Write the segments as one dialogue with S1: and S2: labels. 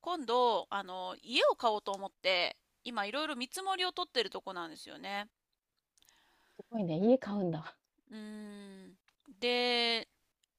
S1: 今度、家を買おうと思って、今いろいろ見積もりを取ってるとこなんですよね。
S2: すごいね、家買うんだ。
S1: うーん。で、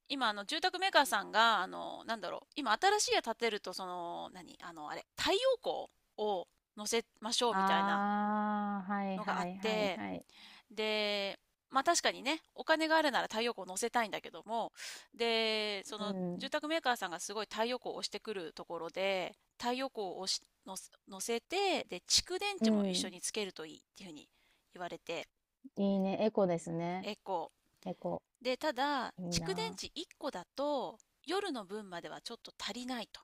S1: 今、住宅メーカーさんが、今新しい家建てると、その、何、あの、あれ、太陽光を乗せましょうみたいな
S2: ああ、はい
S1: のがあっ
S2: はいはい
S1: て、
S2: はい。
S1: で、まあ確かにね、お金があるなら太陽光を乗せたいんだけども、で、そ
S2: う
S1: の住
S2: ん。
S1: 宅メーカーさんがすごい太陽光を押してくるところで、太陽光を押しのせ乗せて、で、蓄電
S2: う
S1: 池も一緒
S2: ん。
S1: につけるといいっていうふうに言われて、
S2: いいね。エコですね。
S1: えこ
S2: エコ。
S1: う。で、ただ、
S2: いい
S1: 蓄電
S2: な。
S1: 池1個だと、夜の分まではちょっと足りないと。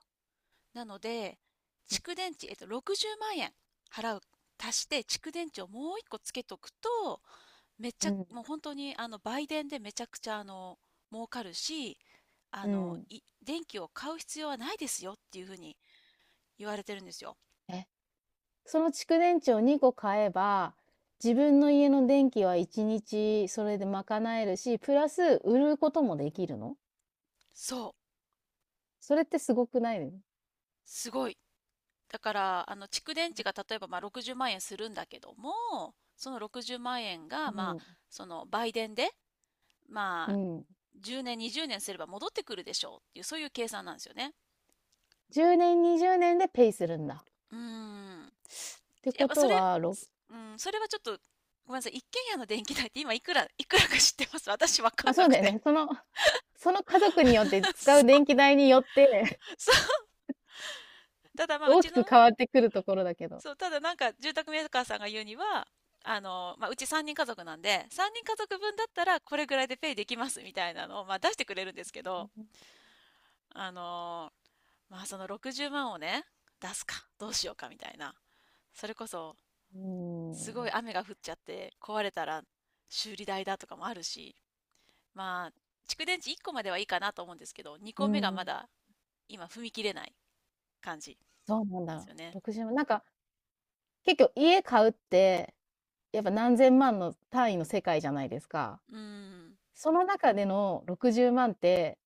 S1: なので、蓄電池、60万円払う、足して蓄電池をもう1個つけとくと、めっち
S2: う
S1: ゃ、
S2: ん。
S1: もう本当に、売電でめちゃくちゃ、儲かるし、
S2: うん。
S1: 電気を買う必要はないですよっていうふうに言われてるんですよ。
S2: え、その蓄電池を2個買えば、自分の家の電気は1日それで賄えるし、プラス売ることもできるの？
S1: そう。
S2: それってすごくない？
S1: すごい。だから、蓄電池が例えば、まあ、60万円するんだけども、その60万円
S2: う
S1: が、まあ、
S2: ん。
S1: その、売電で、
S2: う
S1: まあ、
S2: ん。
S1: 10年、20年すれば戻ってくるでしょうっていう、そういう計算なんですよね。
S2: 10年、20年でペイするんだ。
S1: うーん。
S2: って
S1: やっ
S2: こ
S1: ぱそ
S2: と
S1: れ、
S2: は、
S1: う
S2: ろっ
S1: ん、それはちょっと、ごめんなさい。一軒家の電気代って今いくらか知ってます、私わ
S2: ま、
S1: か
S2: あ
S1: ん
S2: そ
S1: な
S2: う
S1: く
S2: だよ
S1: て。
S2: ね。その家族によって 使
S1: そ
S2: う電気代によって
S1: う、そう。ただまあ、う
S2: 大
S1: ち
S2: き
S1: の、
S2: く変わってくるところだけど。
S1: そう、ただなんか住宅メーカーさんが言うには、まあ、うち3人家族なんで、3人家族分だったらこれぐらいでペイできますみたいなのを、まあ、出してくれるんですけど、
S2: う
S1: あのまあ、その60万をね、出すか、どうしようかみたいな。それこそ、
S2: ーん。
S1: すごい雨が降っちゃって壊れたら修理代だとかもあるし、まあ、蓄電池1個まではいいかなと思うんですけど、2
S2: う
S1: 個目がま
S2: ん、
S1: だ今踏み切れない感じ
S2: そうなん
S1: なんです
S2: だ。
S1: よね。
S2: 60万、なんか、結局家買うって、やっぱ何千万の単位の世界じゃないですか。
S1: うーん。
S2: その中での60万って、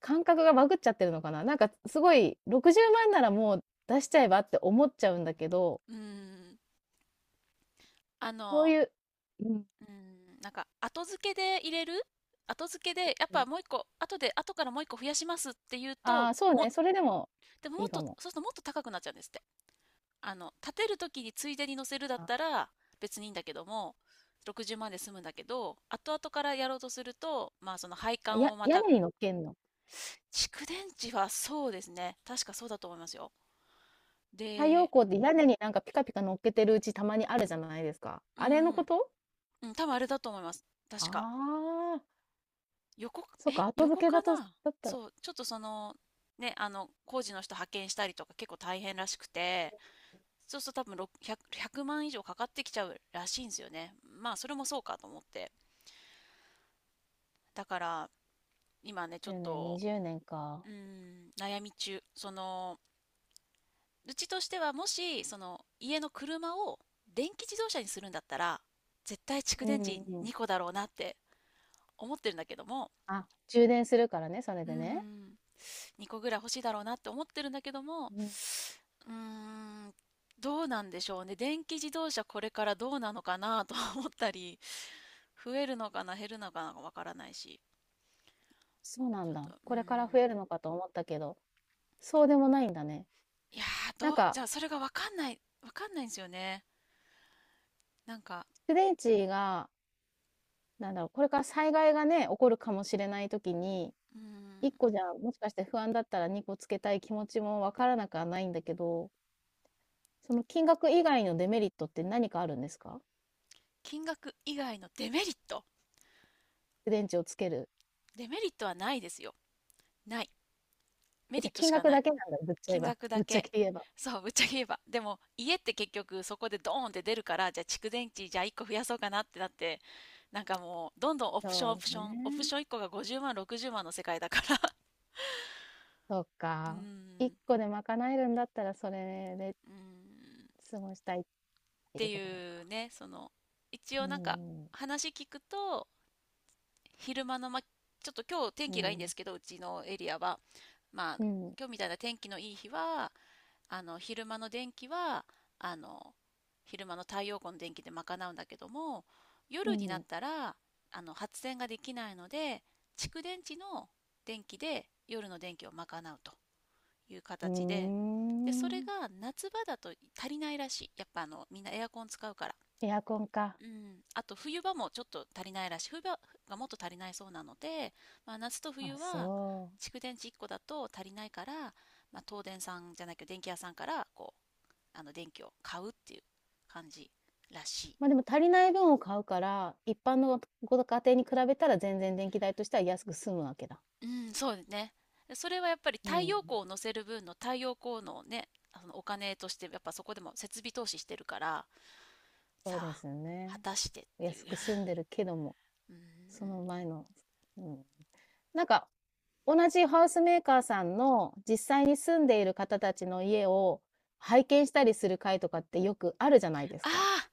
S2: 感覚がバグっちゃってるのかな。なんかすごい、60万ならもう出しちゃえばって思っちゃうんだけど、
S1: うーん。あ
S2: そう
S1: の、
S2: いう、うん。
S1: なんか後付けで、やっぱもう1個、後からもう1個増やしますって言う
S2: あ
S1: と、
S2: あ、そうね、それでも
S1: でもも
S2: い
S1: っ
S2: いか
S1: と、そ
S2: も。
S1: うするともっと高くなっちゃうんですって。建てる時についでに乗せるだったら別にいいんだけども、60万で済むんだけど、後々からやろうとすると、まあその配
S2: あ、
S1: 管
S2: や
S1: をま
S2: 屋
S1: た
S2: 根に乗っけんの？
S1: 蓄電池はそうですね。確かそうだと思いますよ。
S2: 太陽
S1: で、
S2: 光って屋根になんかピカピカ乗っけてるうちたまにあるじゃないですか。
S1: う
S2: あれのこ
S1: ん、
S2: と？
S1: うん、多分あれだと思います。
S2: あ
S1: 確か。
S2: あ、そっか、後
S1: 横
S2: 付け
S1: か
S2: だと
S1: な。
S2: だったら
S1: そう、ちょっとその、ね、工事の人派遣したりとか結構大変らしくて、そうすると多分ろっぴゃく100、100万以上かかってきちゃうらしいんですよね。まあ、それもそうかと思って。だから、今ね、ちょっ
S2: 10年、
S1: と、
S2: 20年か。
S1: 悩み中。その、うちとしてはもしその家の車を電気自動車にするんだったら絶対蓄
S2: う
S1: 電池
S2: んうん。
S1: 2個だろうなって思ってるんだけども、
S2: あ、充電するからね、それ
S1: うー
S2: でね。
S1: ん2個ぐらい欲しいだろうなって思ってるんだけども、
S2: うん。
S1: うーんどうなんでしょうね、電気自動車これからどうなのかなと思ったり、増えるのかな減るのかなわからないし、
S2: そうな
S1: ち
S2: ん
S1: ょっと
S2: だ。
S1: うー
S2: これから増える
S1: ん
S2: のかと思ったけど、そうでもないんだね。
S1: いやー
S2: なん
S1: どう
S2: か、
S1: じゃあそれがわかんないんですよね。なんか
S2: 蓄電池が、なんだろう、これから災害がね、起こるかもしれない時に、
S1: うー
S2: 1
S1: ん
S2: 個じゃ、もしかして不安だったら2個つけたい気持ちもわからなくはないんだけど、その金額以外のデメリットって何かあるんですか？
S1: 金額以外のデメリット。
S2: 蓄電池をつける。
S1: デメリットはないですよ。ない。メ
S2: え、
S1: リ
S2: じゃ、
S1: ット
S2: 金
S1: しか
S2: 額
S1: ない。
S2: だけなんだ、ぶっちゃえ
S1: 金
S2: ば
S1: 額 だ
S2: ぶっちゃ
S1: け。
S2: け言えば。
S1: そう、ぶっちゃけ言えば。でも、家って結局そこでドーンって出るから、じゃあ1個増やそうかなってなって、なんかもう、どんどんオプショ
S2: そ
S1: ン
S2: う
S1: オ
S2: で
S1: プ
S2: す
S1: ショ
S2: ね。
S1: ン、オプション1個が50万、60万の世界だから
S2: そっ
S1: うー
S2: か。1
S1: ん、
S2: 個で賄えるんだったら、それで
S1: うーん、
S2: 過ごしたいっ
S1: っ
S2: てい
S1: て
S2: うところ
S1: いう
S2: か。
S1: ね、その、一
S2: うー
S1: 応なんか、
S2: ん、
S1: 話聞くと、昼間の、ま、ちょっと今日天
S2: う
S1: 気がいいんで
S2: ん、
S1: すけど、うちのエリアは、まあ、
S2: うん、
S1: 今日みたいな天気のいい日は、昼間の電気は、あの、昼間の太陽光の電気で賄うんだけども、
S2: う
S1: 夜にな
S2: ん、う
S1: っ
S2: ん。
S1: たら、発電ができないので、蓄電池の電気で夜の電気を賄うという
S2: うー
S1: 形で、で、それ
S2: ん。
S1: が夏場だと足りないらしい。やっぱみんなエアコン使うから。
S2: エアコンか。
S1: うん。あと冬場もちょっと足りないらしい。冬場がもっと足りないそうなので、まあ夏と冬
S2: あ、
S1: は
S2: そう。
S1: 蓄電池1個だと足りないから、まあ東電さんじゃなきゃ電気屋さんからこう電気を買うっていう感じらしい。
S2: ま、でも足りない分を買うから、一般のご家庭に比べたら全然電気代としては安く済むわけだ。
S1: うん、そうですね。それはやっぱり
S2: う
S1: 太
S2: ん、
S1: 陽光を乗せる分の太陽光のね、あのお金としてやっぱそこでも設備投資してるから、
S2: そ
S1: さ
S2: うで
S1: あ、
S2: す
S1: 果
S2: ね。
S1: たしてってい
S2: 安
S1: う。
S2: く住んでるけども、
S1: うん。
S2: その前の、うん。なんか、同じハウスメーカーさんの実際に住んでいる方たちの家を拝見したりする会とかってよくあるじゃないです
S1: あ
S2: か。
S1: あ、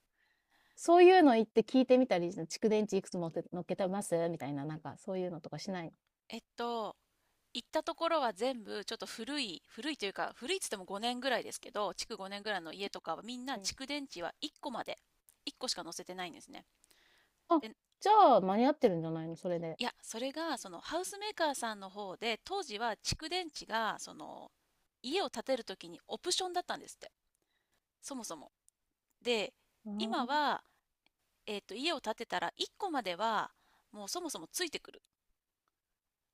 S2: そういうの行って聞いてみたり、蓄電池いくつ持って乗っけてますみたいな、なんかそういうのとかしない？
S1: えっと、行ったところは全部ちょっと古い、古いというか、古いっつっても5年ぐらいですけど、築5年ぐらいの家とかはみんな
S2: うん。
S1: 蓄電池は1個まで、1個しか載せてないんですね。
S2: あ、
S1: で、
S2: じゃあ間に合ってるんじゃないの？それで。
S1: いや、それが、その、ハウスメーカーさんの方で、当時は蓄電池が、その、家を建てるときにオプションだったんですって。そもそも。で、
S2: うー
S1: 今
S2: ん。
S1: は、家を建てたら1個までは、もうそもそもついてくる。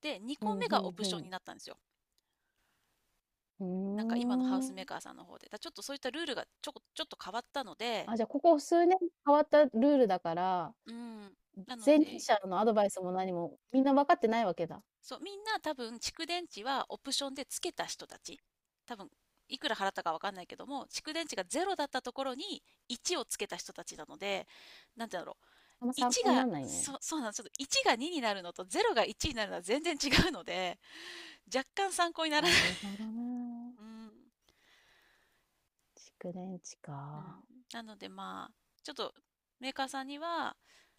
S1: で、2
S2: う
S1: 個
S2: ん、う
S1: 目が
S2: ん
S1: オプ
S2: う
S1: ショ
S2: ん。
S1: ンに
S2: う
S1: なったんですよ。
S2: ー
S1: なんか今のハウスメー
S2: ん。
S1: カーさんの方で。だからちょっとそういったルールがちょっと変わったので、
S2: あ、じゃあここ数年変わったルールだから、
S1: うん。なの
S2: 前任
S1: で、
S2: 者のアドバイスも何も、みんな分かってないわけだ。
S1: そう、みんな多分蓄電池はオプションでつけた人たち。多分、いくら払ったかわかんないけども、蓄電池がゼロだったところに1をつけた人たちなので、なんて言うんだろう。
S2: あんま参
S1: 1
S2: 考に
S1: が、
S2: なんないね。
S1: そうなんですよ。いちょっとが2になるのとゼロが1になるのは全然違うので、若干参考にならな
S2: な
S1: い。
S2: るほどね。
S1: うん。
S2: 蓄電池
S1: うん。
S2: か。
S1: なのでまあ、ちょっとメーカーさんには、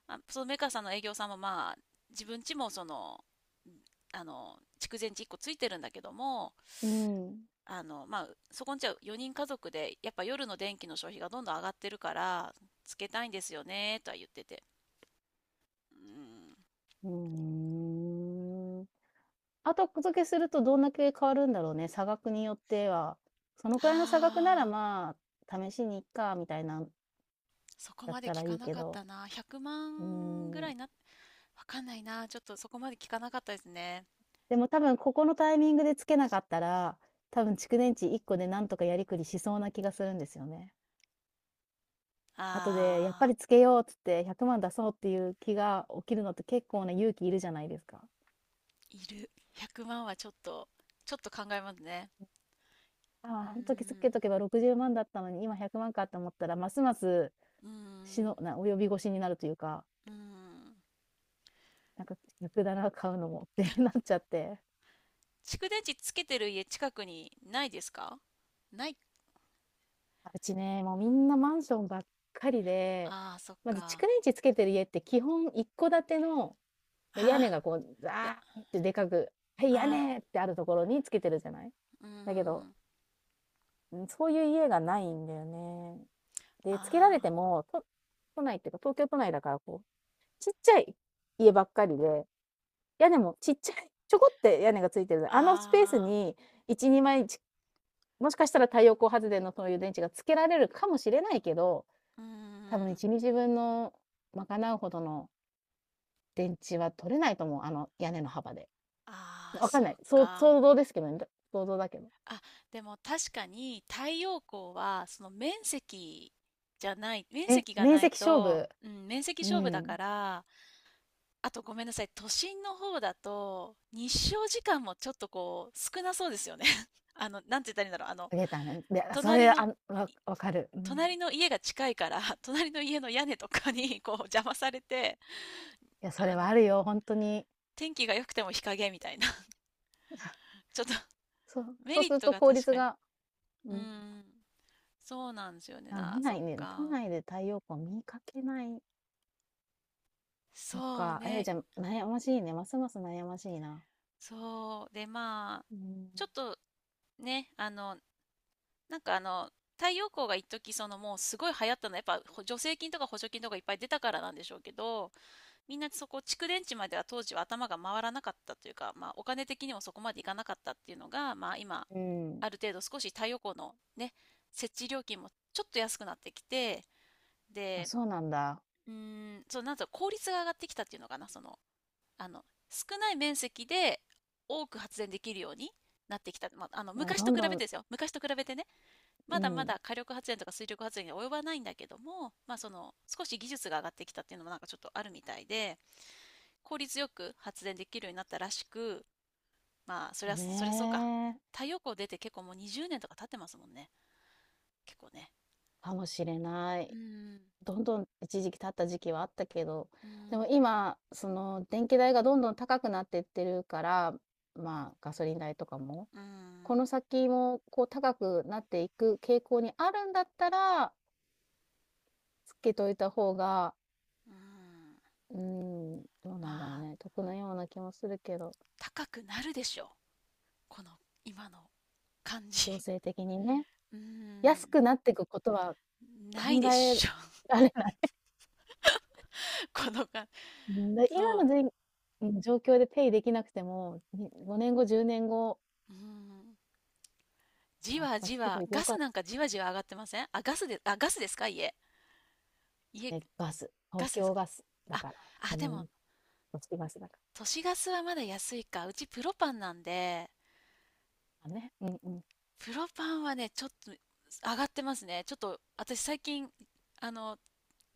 S1: あ、そのメーカーさんの営業さんもまあ、自分ちもその、蓄電池1個ついてるんだけども、
S2: うん。う
S1: まあ、そこんちは4人家族で、やっぱ夜の電気の消費がどんどん上がってるから、つけたいんですよね、とは言ってて。うん。
S2: ーん。後付けするとどんだけ変わるんだろうね、差額によっては。その
S1: は
S2: くらいの差額なら、
S1: あ、
S2: まあ、試しにいっかみたいなん
S1: そこ
S2: だっ
S1: まで
S2: た
S1: 聞
S2: らい
S1: か
S2: い
S1: な
S2: け
S1: かっ
S2: ど。
S1: たな。100
S2: う
S1: 万ぐ
S2: ー
S1: ら
S2: ん。
S1: いな、わかんないな。ちょっとそこまで聞かなかったですね。
S2: でも多分ここのタイミングで付けなかったら、多分蓄電池1個でなんとかやりくりしそうな気がするんですよね。後でやっぱ
S1: ああ、
S2: りつけようっつって100万出そうっていう気が起きるのって結構な勇気いるじゃないですか。
S1: いる。100万はちょっと、考えますね。
S2: あ
S1: う
S2: あ、あん時つ
S1: ー
S2: け
S1: ん。
S2: とけば60万だったのに今100万かって思ったら、ますます
S1: うー
S2: しの
S1: ん。
S2: な及び腰になるというか、
S1: うーん。
S2: なんか逆だな、買うのもって なっちゃって。
S1: 蓄電池つけてる家近くにないですか？ない。
S2: あ、うちね、もうみんなマンションばっかりで、
S1: ああ、そっ
S2: まず蓄
S1: か。
S2: 電池つけてる家って基本1戸建ての
S1: あ
S2: こう屋根
S1: あ、
S2: がこう
S1: いや、
S2: ザーってでかく、はい、
S1: あ
S2: 屋
S1: あ。
S2: 根ってあるところにつけてるじゃない。
S1: うー
S2: だけど、
S1: ん。
S2: うん、そういう家がないんだよね。で、つけられ
S1: あ
S2: ても、都内っていうか、東京都内だからこう、ちっちゃい家ばっかりで、屋根もちっちゃい、ちょこって屋根がついてる、
S1: あ。
S2: あのスペース
S1: ああ。
S2: に1、2枚、もしかしたら太陽光発電のそういう電池がつけられるかもしれないけど、
S1: うー
S2: 多分
S1: ん。
S2: 1日分の賄うほどの電池は取れないと思う、あの屋根の幅で。
S1: ああ、
S2: わか
S1: そ
S2: んない。
S1: う
S2: そう
S1: か。
S2: 想像ですけどね、想像だけど。
S1: あ、でも確かに太陽光はその面積じゃない、面
S2: ね、
S1: 積が
S2: 面
S1: ない
S2: 積勝
S1: と、
S2: 負。
S1: うん、面積
S2: う
S1: 勝負だか
S2: ん。
S1: ら、あとごめんなさい、都心の方だと日照時間もちょっとこう少なそうですよね。なんて言ったらいいんだろう。
S2: 出たね。で、そ
S1: 隣
S2: れ、あ、
S1: の、
S2: わ
S1: い
S2: わかる。うん。
S1: 隣の家が近いから、隣の家の屋根とかにこう邪魔されて、
S2: いや、そ
S1: あ
S2: れはあ
S1: の、
S2: るよ、ほんとに。
S1: 天気が良くても日陰みたいな。ちょっと
S2: そう、
S1: メ
S2: そう
S1: リ
S2: す
S1: ッ
S2: る
S1: ト
S2: と
S1: が
S2: 効
S1: 確
S2: 率
S1: かに。
S2: が、う
S1: う
S2: ん。
S1: ん。そうなんですよね。
S2: あ、見な
S1: そっ
S2: いね。都
S1: か。
S2: 内で太陽光見かけない。そっ
S1: そう
S2: か。えー、
S1: ね。
S2: じゃあ、悩ましいね。ますます悩ましいな。
S1: そう。で、まあ、
S2: うん。
S1: ちょっとね、なんかあの、太陽光が一時もうすごい流行ったのはやっぱ助成金とか補助金とかいっぱい出たからなんでしょうけど、みんなそこ蓄電池までは当時は頭が回らなかったというか、まあ、お金的にもそこまでいかなかったっていうのが、まあ、今
S2: うん。
S1: ある程度少し太陽光のね設置料金もちょっと安くなってきて、
S2: あ、
S1: で、
S2: そうなんだ。
S1: うーそう、なんぞ効率が上がってきたっていうのかな、その、あの、少ない面積で多く発電できるようになってきた。まあ、
S2: あ、
S1: 昔
S2: ど
S1: と
S2: ん
S1: 比
S2: ど
S1: べて
S2: ん、
S1: ですよ。昔と比べてね、
S2: う
S1: まだま
S2: ん。
S1: だ火力発電とか水力発電には及ばないんだけども、まあ、その、少し技術が上がってきたっていうのもなんかちょっとあるみたいで、効率よく発電できるようになったらしく、まあ、そりゃそうか。
S2: ねえ、
S1: 太陽光出て結構もう20年とか経ってますもんね。結構ね。
S2: かもしれな
S1: うー
S2: い。
S1: ん、
S2: どんどん一時期経った時期はあったけど、
S1: うー
S2: で
S1: ん、
S2: も今、その、電気代がどんどん高くなってってるから、まあ、ガソリン代とかも、
S1: うー
S2: この
S1: ん、
S2: 先も、こう、高くなっていく傾向にあるんだったら、つけといた方が、
S1: うーん。
S2: うーん、どう
S1: ま
S2: なんだろう
S1: あ、
S2: ね、得なような気もするけど、
S1: 高くなるでしょう。この今の感
S2: 情
S1: じ。
S2: 勢的にね。
S1: うー
S2: 安
S1: ん、
S2: くなっていくことは
S1: ない
S2: 考
S1: で
S2: え
S1: しょ。
S2: られない。
S1: この感
S2: うん、で、
S1: じ、
S2: 今
S1: そ
S2: の
S1: う。
S2: じんうん、状況でペイできなくても、5年後、10年後、
S1: うーん。じ
S2: やっ
S1: わ
S2: ぱ
S1: じ
S2: つけと
S1: わ、
S2: いて
S1: ガ
S2: よか
S1: ス
S2: った
S1: なんかじわじわ上がってません？あ、ガスで、あ、ガスですか、家。
S2: です
S1: 家、
S2: ね、ガス、
S1: ガ
S2: 東
S1: スです
S2: 京
S1: か、
S2: ガスだ
S1: あ、
S2: から。う
S1: あ、でも、
S2: ん、都市ガスだか
S1: 都市ガスはまだ安いか。うちプロパンなんで、
S2: らね。うん
S1: プロパンはね、ちょっと上がってますね。ちょっと、私最近、あの、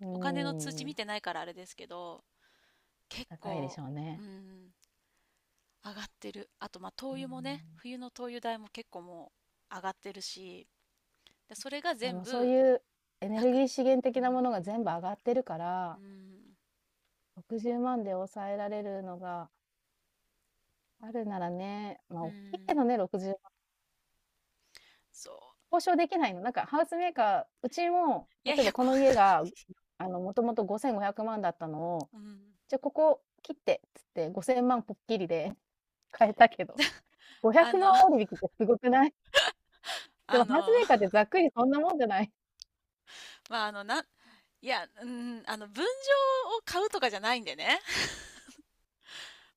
S2: う
S1: お金の通知
S2: ん。うー
S1: 見
S2: ん、
S1: てないからあれですけど、結
S2: 高いでし
S1: 構、
S2: ょう
S1: うー
S2: ね。
S1: ん、上がってる。あと、まあ、灯
S2: うー
S1: 油もね、
S2: ん。
S1: 冬の灯油代も結構もう上がってるし、で、それが
S2: で
S1: 全
S2: もそう
S1: 部
S2: いうエネ
S1: な
S2: ルギ
S1: く。
S2: ー資源
S1: う
S2: 的なも
S1: ん。
S2: のが全部上がってるか
S1: う
S2: ら、
S1: ん。
S2: 60万で抑えられるのがあるならね、まあ、
S1: う
S2: 大きいけど
S1: ん。
S2: ね、60万。
S1: そう。
S2: 交渉できないの？なんか、ハウスメーカー、うちも、
S1: い
S2: 例
S1: や
S2: え
S1: いや、
S2: ばこの家が、あの、もともと5500万だったのを、
S1: うん。
S2: じゃあここ切って、つって5000万ぽっきりで 買えたけど、500
S1: あの、
S2: 万割引ってすごくない？ で
S1: あ
S2: もハウス
S1: の、
S2: メーカーってざっくりそんなもんじゃない？
S1: まあ、いや、うん、分譲を買うとかじゃないんでね。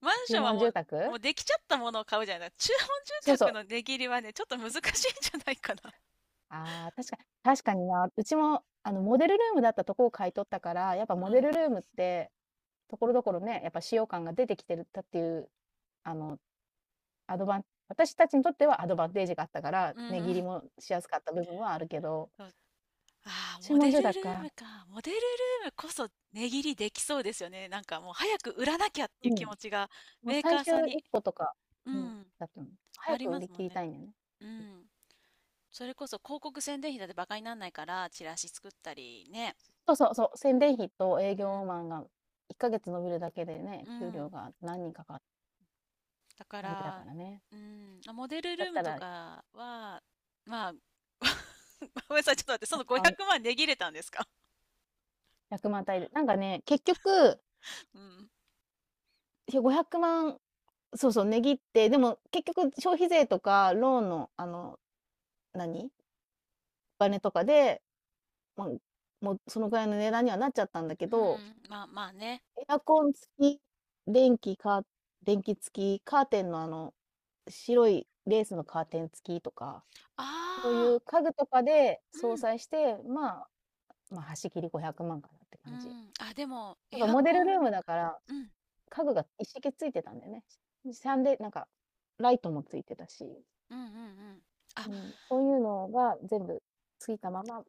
S1: マン ショ
S2: 注
S1: ンは
S2: 文
S1: も
S2: 住
S1: う、
S2: 宅、
S1: できちゃったものを買うじゃない。中本住
S2: そうそ
S1: 宅
S2: う。
S1: の値切りはね、ちょっと難しいんじゃないかな。
S2: ああ、確かに、確かにな。うちも、あの、モデルルームだったとこを買い取ったから、やっぱ
S1: う
S2: モ
S1: ん。
S2: デルルームって、ところどころね、やっぱ使用感が出てきてるっていう、あの、アドバン私たちにとってはアドバンテージがあったから、
S1: うんう
S2: 値切り
S1: ん。
S2: もしやすかった部分はあるけど、
S1: そう、ああ、
S2: 注
S1: モデ
S2: 文住
S1: ルル
S2: 宅
S1: ーム
S2: か、
S1: か。モデルルームこそ値切りできそうですよね。なんかもう早く売らなきゃって
S2: う
S1: い
S2: ん、
S1: う気持ちが
S2: もう
S1: メー
S2: 最
S1: カー
S2: 終
S1: さんに、
S2: 一歩とか、
S1: う
S2: うん、
S1: ん、
S2: だったの。早
S1: あり
S2: く売
S1: ま
S2: り
S1: すも
S2: 切
S1: ん
S2: り
S1: ね。
S2: たいんだよね。
S1: うん。それこそ広告宣伝費だってバカにならないから、チラシ作ったりね。
S2: そうそうそう、宣伝費と営業マンが1か月伸びるだけでね、
S1: うん。う
S2: 給料
S1: ん。
S2: が何人か
S1: だか
S2: 感じだ
S1: ら、
S2: からね。
S1: うん。あ、モデルル
S2: だっ
S1: ーム
S2: た
S1: と
S2: ら
S1: かは、まあ、ごめんなさい、ちょっと待って、その
S2: 100
S1: 500
S2: 万
S1: 万値切れたんですか？
S2: 1万単位で、なんかね、結局、
S1: うん。
S2: 500万、そうそう、値切って、でも結局消費税とかローンの、あの、何、お金とかで、まあ、もうそのぐらいの値段にはなっちゃったんだけ
S1: う
S2: ど、
S1: ん。まあまあね。
S2: エアコン付き、電気か電気付き、カーテンのあの、白いレースのカーテン付きとか、そうい
S1: あ
S2: う
S1: あ、
S2: 家具とかで
S1: う
S2: 相
S1: ん。
S2: 殺して、まあ、まあ、端切り500万かなって
S1: う
S2: 感じ。や
S1: ん。あ、でも、
S2: っ
S1: エ
S2: ぱ
S1: ア
S2: モデ
S1: コ
S2: ルルー
S1: ン、
S2: ムだから、
S1: うん。
S2: 家具が一式ついてたんだよね。し3でなんか、ライトもついてたし。
S1: うんうんうん、あ
S2: うん、そういうのが全部ついたまま、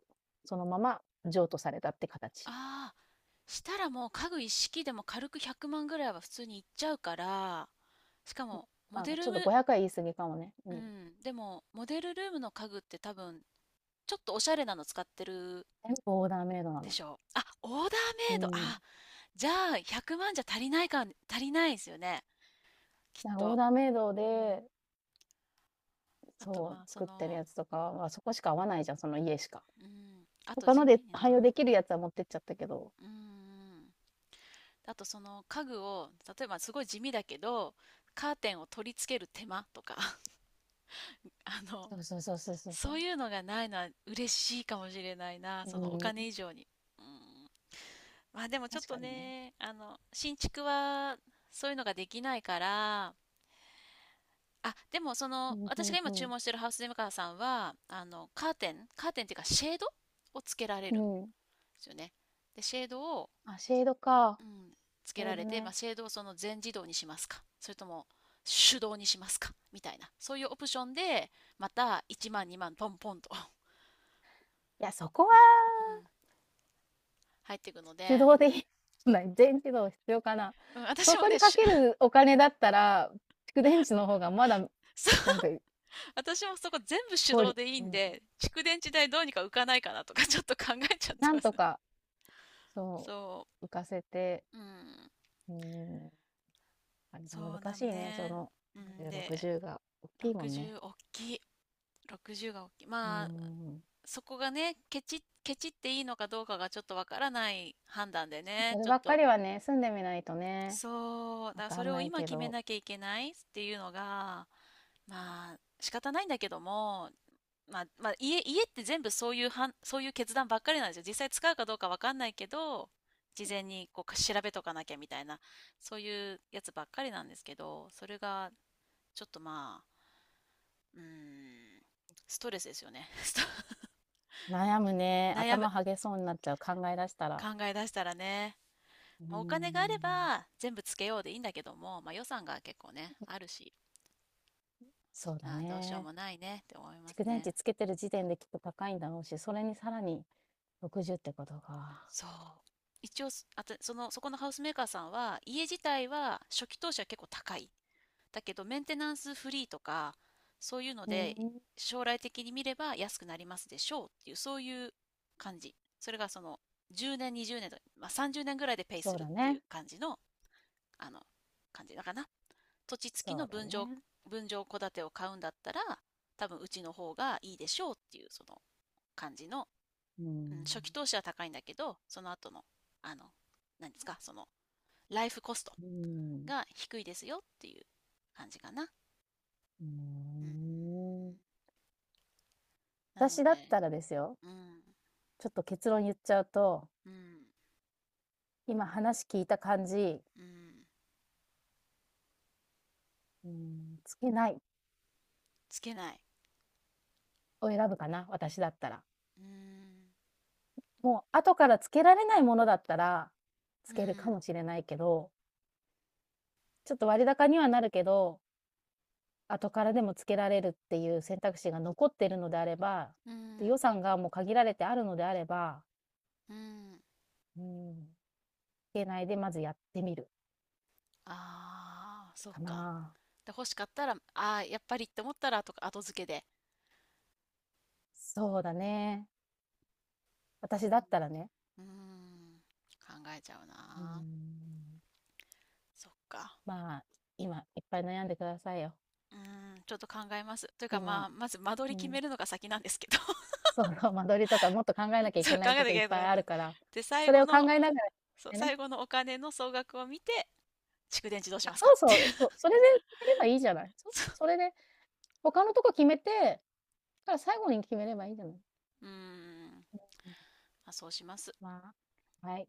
S2: そのまま譲渡されたって形。
S1: あ、あ、したらもう家具一式でも軽く100万ぐらいは普通にいっちゃうから、しか
S2: うん、
S1: もモ
S2: ま
S1: デ
S2: あ、ち
S1: ル
S2: ょっと
S1: ル
S2: 500は言い過ぎかもね。う
S1: う
S2: ん。
S1: ん、でもモデルルームの家具って多分ちょっとおしゃれなの使ってる
S2: 全部オーダーメイドな
S1: で
S2: の。
S1: しょう、あ、オーダーメ
S2: う
S1: イド、あ、
S2: ん。
S1: じゃあ100万じゃ足りないか、足りないですよね、きっ
S2: なんかオー
S1: と、
S2: ダーメイド
S1: うん、
S2: で、
S1: あと
S2: そう、
S1: まあそ
S2: 作ってる
S1: の
S2: やつとかはそこしか合わないじゃん、その家しか。
S1: うん、あと
S2: 他
S1: 地
S2: の
S1: 味
S2: で
S1: に
S2: 汎用
S1: な
S2: できるやつは持ってっちゃったけど。
S1: うん、あと、その家具を、例えばすごい地味だけどカーテンを取り付ける手間とか、あの、
S2: そうそうそうそうそうそ
S1: そ
S2: う。
S1: ういうのがないのは嬉しいかもしれないな、
S2: う
S1: そのお
S2: ん、
S1: 金以上に。うん。まあでもちょっ
S2: 確
S1: と
S2: かにね。
S1: ね、新築はそういうのができないから、あ、でもそ
S2: う
S1: の、
S2: ん、う
S1: 私が今
S2: ん
S1: 注
S2: う
S1: 文してるハウスデメーカーさんは、カーテンっていうかシェードをつけられるんで
S2: ん。うん。
S1: すよね。で、シェードを、
S2: あ、シェードか。
S1: うん、つ
S2: シ
S1: け
S2: ェ
S1: ら
S2: ード
S1: れて、まあ、
S2: ね。
S1: シェードをその全自動にしますか、それとも手動にしますか、みたいな、そういうオプションで、また1万、2万、ポンポンと、
S2: いや、そこは
S1: うん、入っていくので、
S2: 手動でいいじゃない、全自動必要かな。
S1: うん、私
S2: そ
S1: も
S2: こ
S1: ね、
S2: にかけるお金だったら、蓄電池の方がまだ
S1: そう、
S2: なんか、
S1: 私もそこ全部手
S2: 効
S1: 動
S2: 率、
S1: でいい
S2: う
S1: ん
S2: ん、
S1: で、蓄電池代どうにか浮かないかなとか ちょっと考えちゃって
S2: な
S1: ま
S2: ん
S1: す
S2: と
S1: ね。
S2: か、そ
S1: そ
S2: う、浮かせて、
S1: う、うん、
S2: うん、あれが
S1: そう
S2: 難
S1: だ
S2: しいね、そ
S1: ね。
S2: の
S1: うん、
S2: 40、
S1: で、
S2: 60が大きいもんね。
S1: 60大きい。60が大きい。
S2: う
S1: まあ、
S2: ん。
S1: そこがね、ケチっていいのかどうかがちょっとわからない判断でね、
S2: それ
S1: ちょ
S2: ば
S1: っ
S2: っか
S1: と。
S2: りはね、住んでみないとね、
S1: そう、だ
S2: わ
S1: から
S2: か
S1: それ
S2: ん
S1: を
S2: ない
S1: 今
S2: け
S1: 決め
S2: ど、
S1: なきゃいけないっていうのが、まあ、仕方ないんだけども、まあ、まあ、家って全部そういうそういう決断ばっかりなんですよ。実際使うかどうかわかんないけど、事前にこう調べとかなきゃみたいな、そういうやつばっかりなんですけど、それがちょっとまあ、うーん、ストレスですよね。
S2: 悩むね、
S1: 悩む。
S2: 頭はげそうになっちゃう、考え出した
S1: 考
S2: ら。
S1: え出したらね。
S2: う
S1: まあお金があれ
S2: ん、
S1: ば全部つけようでいいんだけども、まあ予算が結構ね、あるし、
S2: そうだ
S1: まあどうしよう
S2: ね。
S1: もないねって思います
S2: 蓄電
S1: ね。
S2: 池つけてる時点できっと高いんだろうし、それにさらに60ってことか。
S1: そう。一応、あと、その、そこのハウスメーカーさんは、家自体は初期投資は結構高い。だけどメンテナンスフリーとかそういうの
S2: う
S1: で
S2: ん、
S1: 将来的に見れば安くなりますでしょうっていうそういう感じ、それがその10年20年と、まあ、30年ぐらいでペイ
S2: そ
S1: す
S2: う
S1: るっ
S2: だ
S1: てい
S2: ね。
S1: う感じの、あの感じだかな、土地付きの
S2: そうだね。
S1: 分譲戸建てを買うんだったら多分うちの方がいいでしょうっていうその感じの、
S2: う
S1: うん、初期
S2: ん。
S1: 投資は高いんだけどその後の、あの何ですか、そのライフコスト
S2: うん。
S1: が低いですよっていう感じかな、うーん。
S2: うん。
S1: なの
S2: 私だっ
S1: で、
S2: たらですよ、
S1: うん、
S2: ちょっと結論言っちゃうと、
S1: うん、
S2: 今話聞いた感じ、
S1: うん、
S2: うん、つけない
S1: つけない。
S2: を選ぶかな、私だったら。
S1: うん、
S2: もう後からつけられないものだったら、
S1: う
S2: つけるか
S1: ん、
S2: もしれないけど、ちょっと割高にはなるけど、後からでもつけられるっていう選択肢が残ってるのであれば、
S1: うん、
S2: で、予算がもう限られてあるのであれば、
S1: うん。
S2: うん、つけないでまずやってみる
S1: ああ、そっ
S2: か
S1: か。
S2: な。
S1: で、欲しかったら、ああ、やっぱりって思ったら、とか、後付けで。
S2: そうだね。私だったらね、
S1: うん、うん、考えちゃう
S2: う
S1: な。
S2: ん、
S1: そっか。
S2: まあ、今いっぱい悩んでくださいよ。
S1: うん、ちょっと考えます。というか、ま
S2: 今、
S1: あ、まず間取り
S2: う
S1: 決め
S2: ん、
S1: るのが先なんですけど。
S2: そう、間取りとかもっと考えなき ゃい
S1: そ
S2: け
S1: う、
S2: な
S1: 考
S2: い
S1: えな
S2: と
S1: きゃい
S2: こい
S1: け
S2: っぱい
S1: ない
S2: あ
S1: のが、
S2: るから、
S1: で、最
S2: それ
S1: 後
S2: を考
S1: の、
S2: えながら
S1: そう、
S2: で
S1: 最
S2: ね、
S1: 後のお金の総額を見て、蓄電池どうし
S2: あ、
S1: ますか
S2: そう
S1: って
S2: そ
S1: い
S2: う、
S1: う。
S2: そう、それで決めればいいじゃない。そう、
S1: そ
S2: それで他のとこ決めて、最後に決めればいいじゃない？
S1: う。うーん。まあ、そうします。
S2: まあ、はい、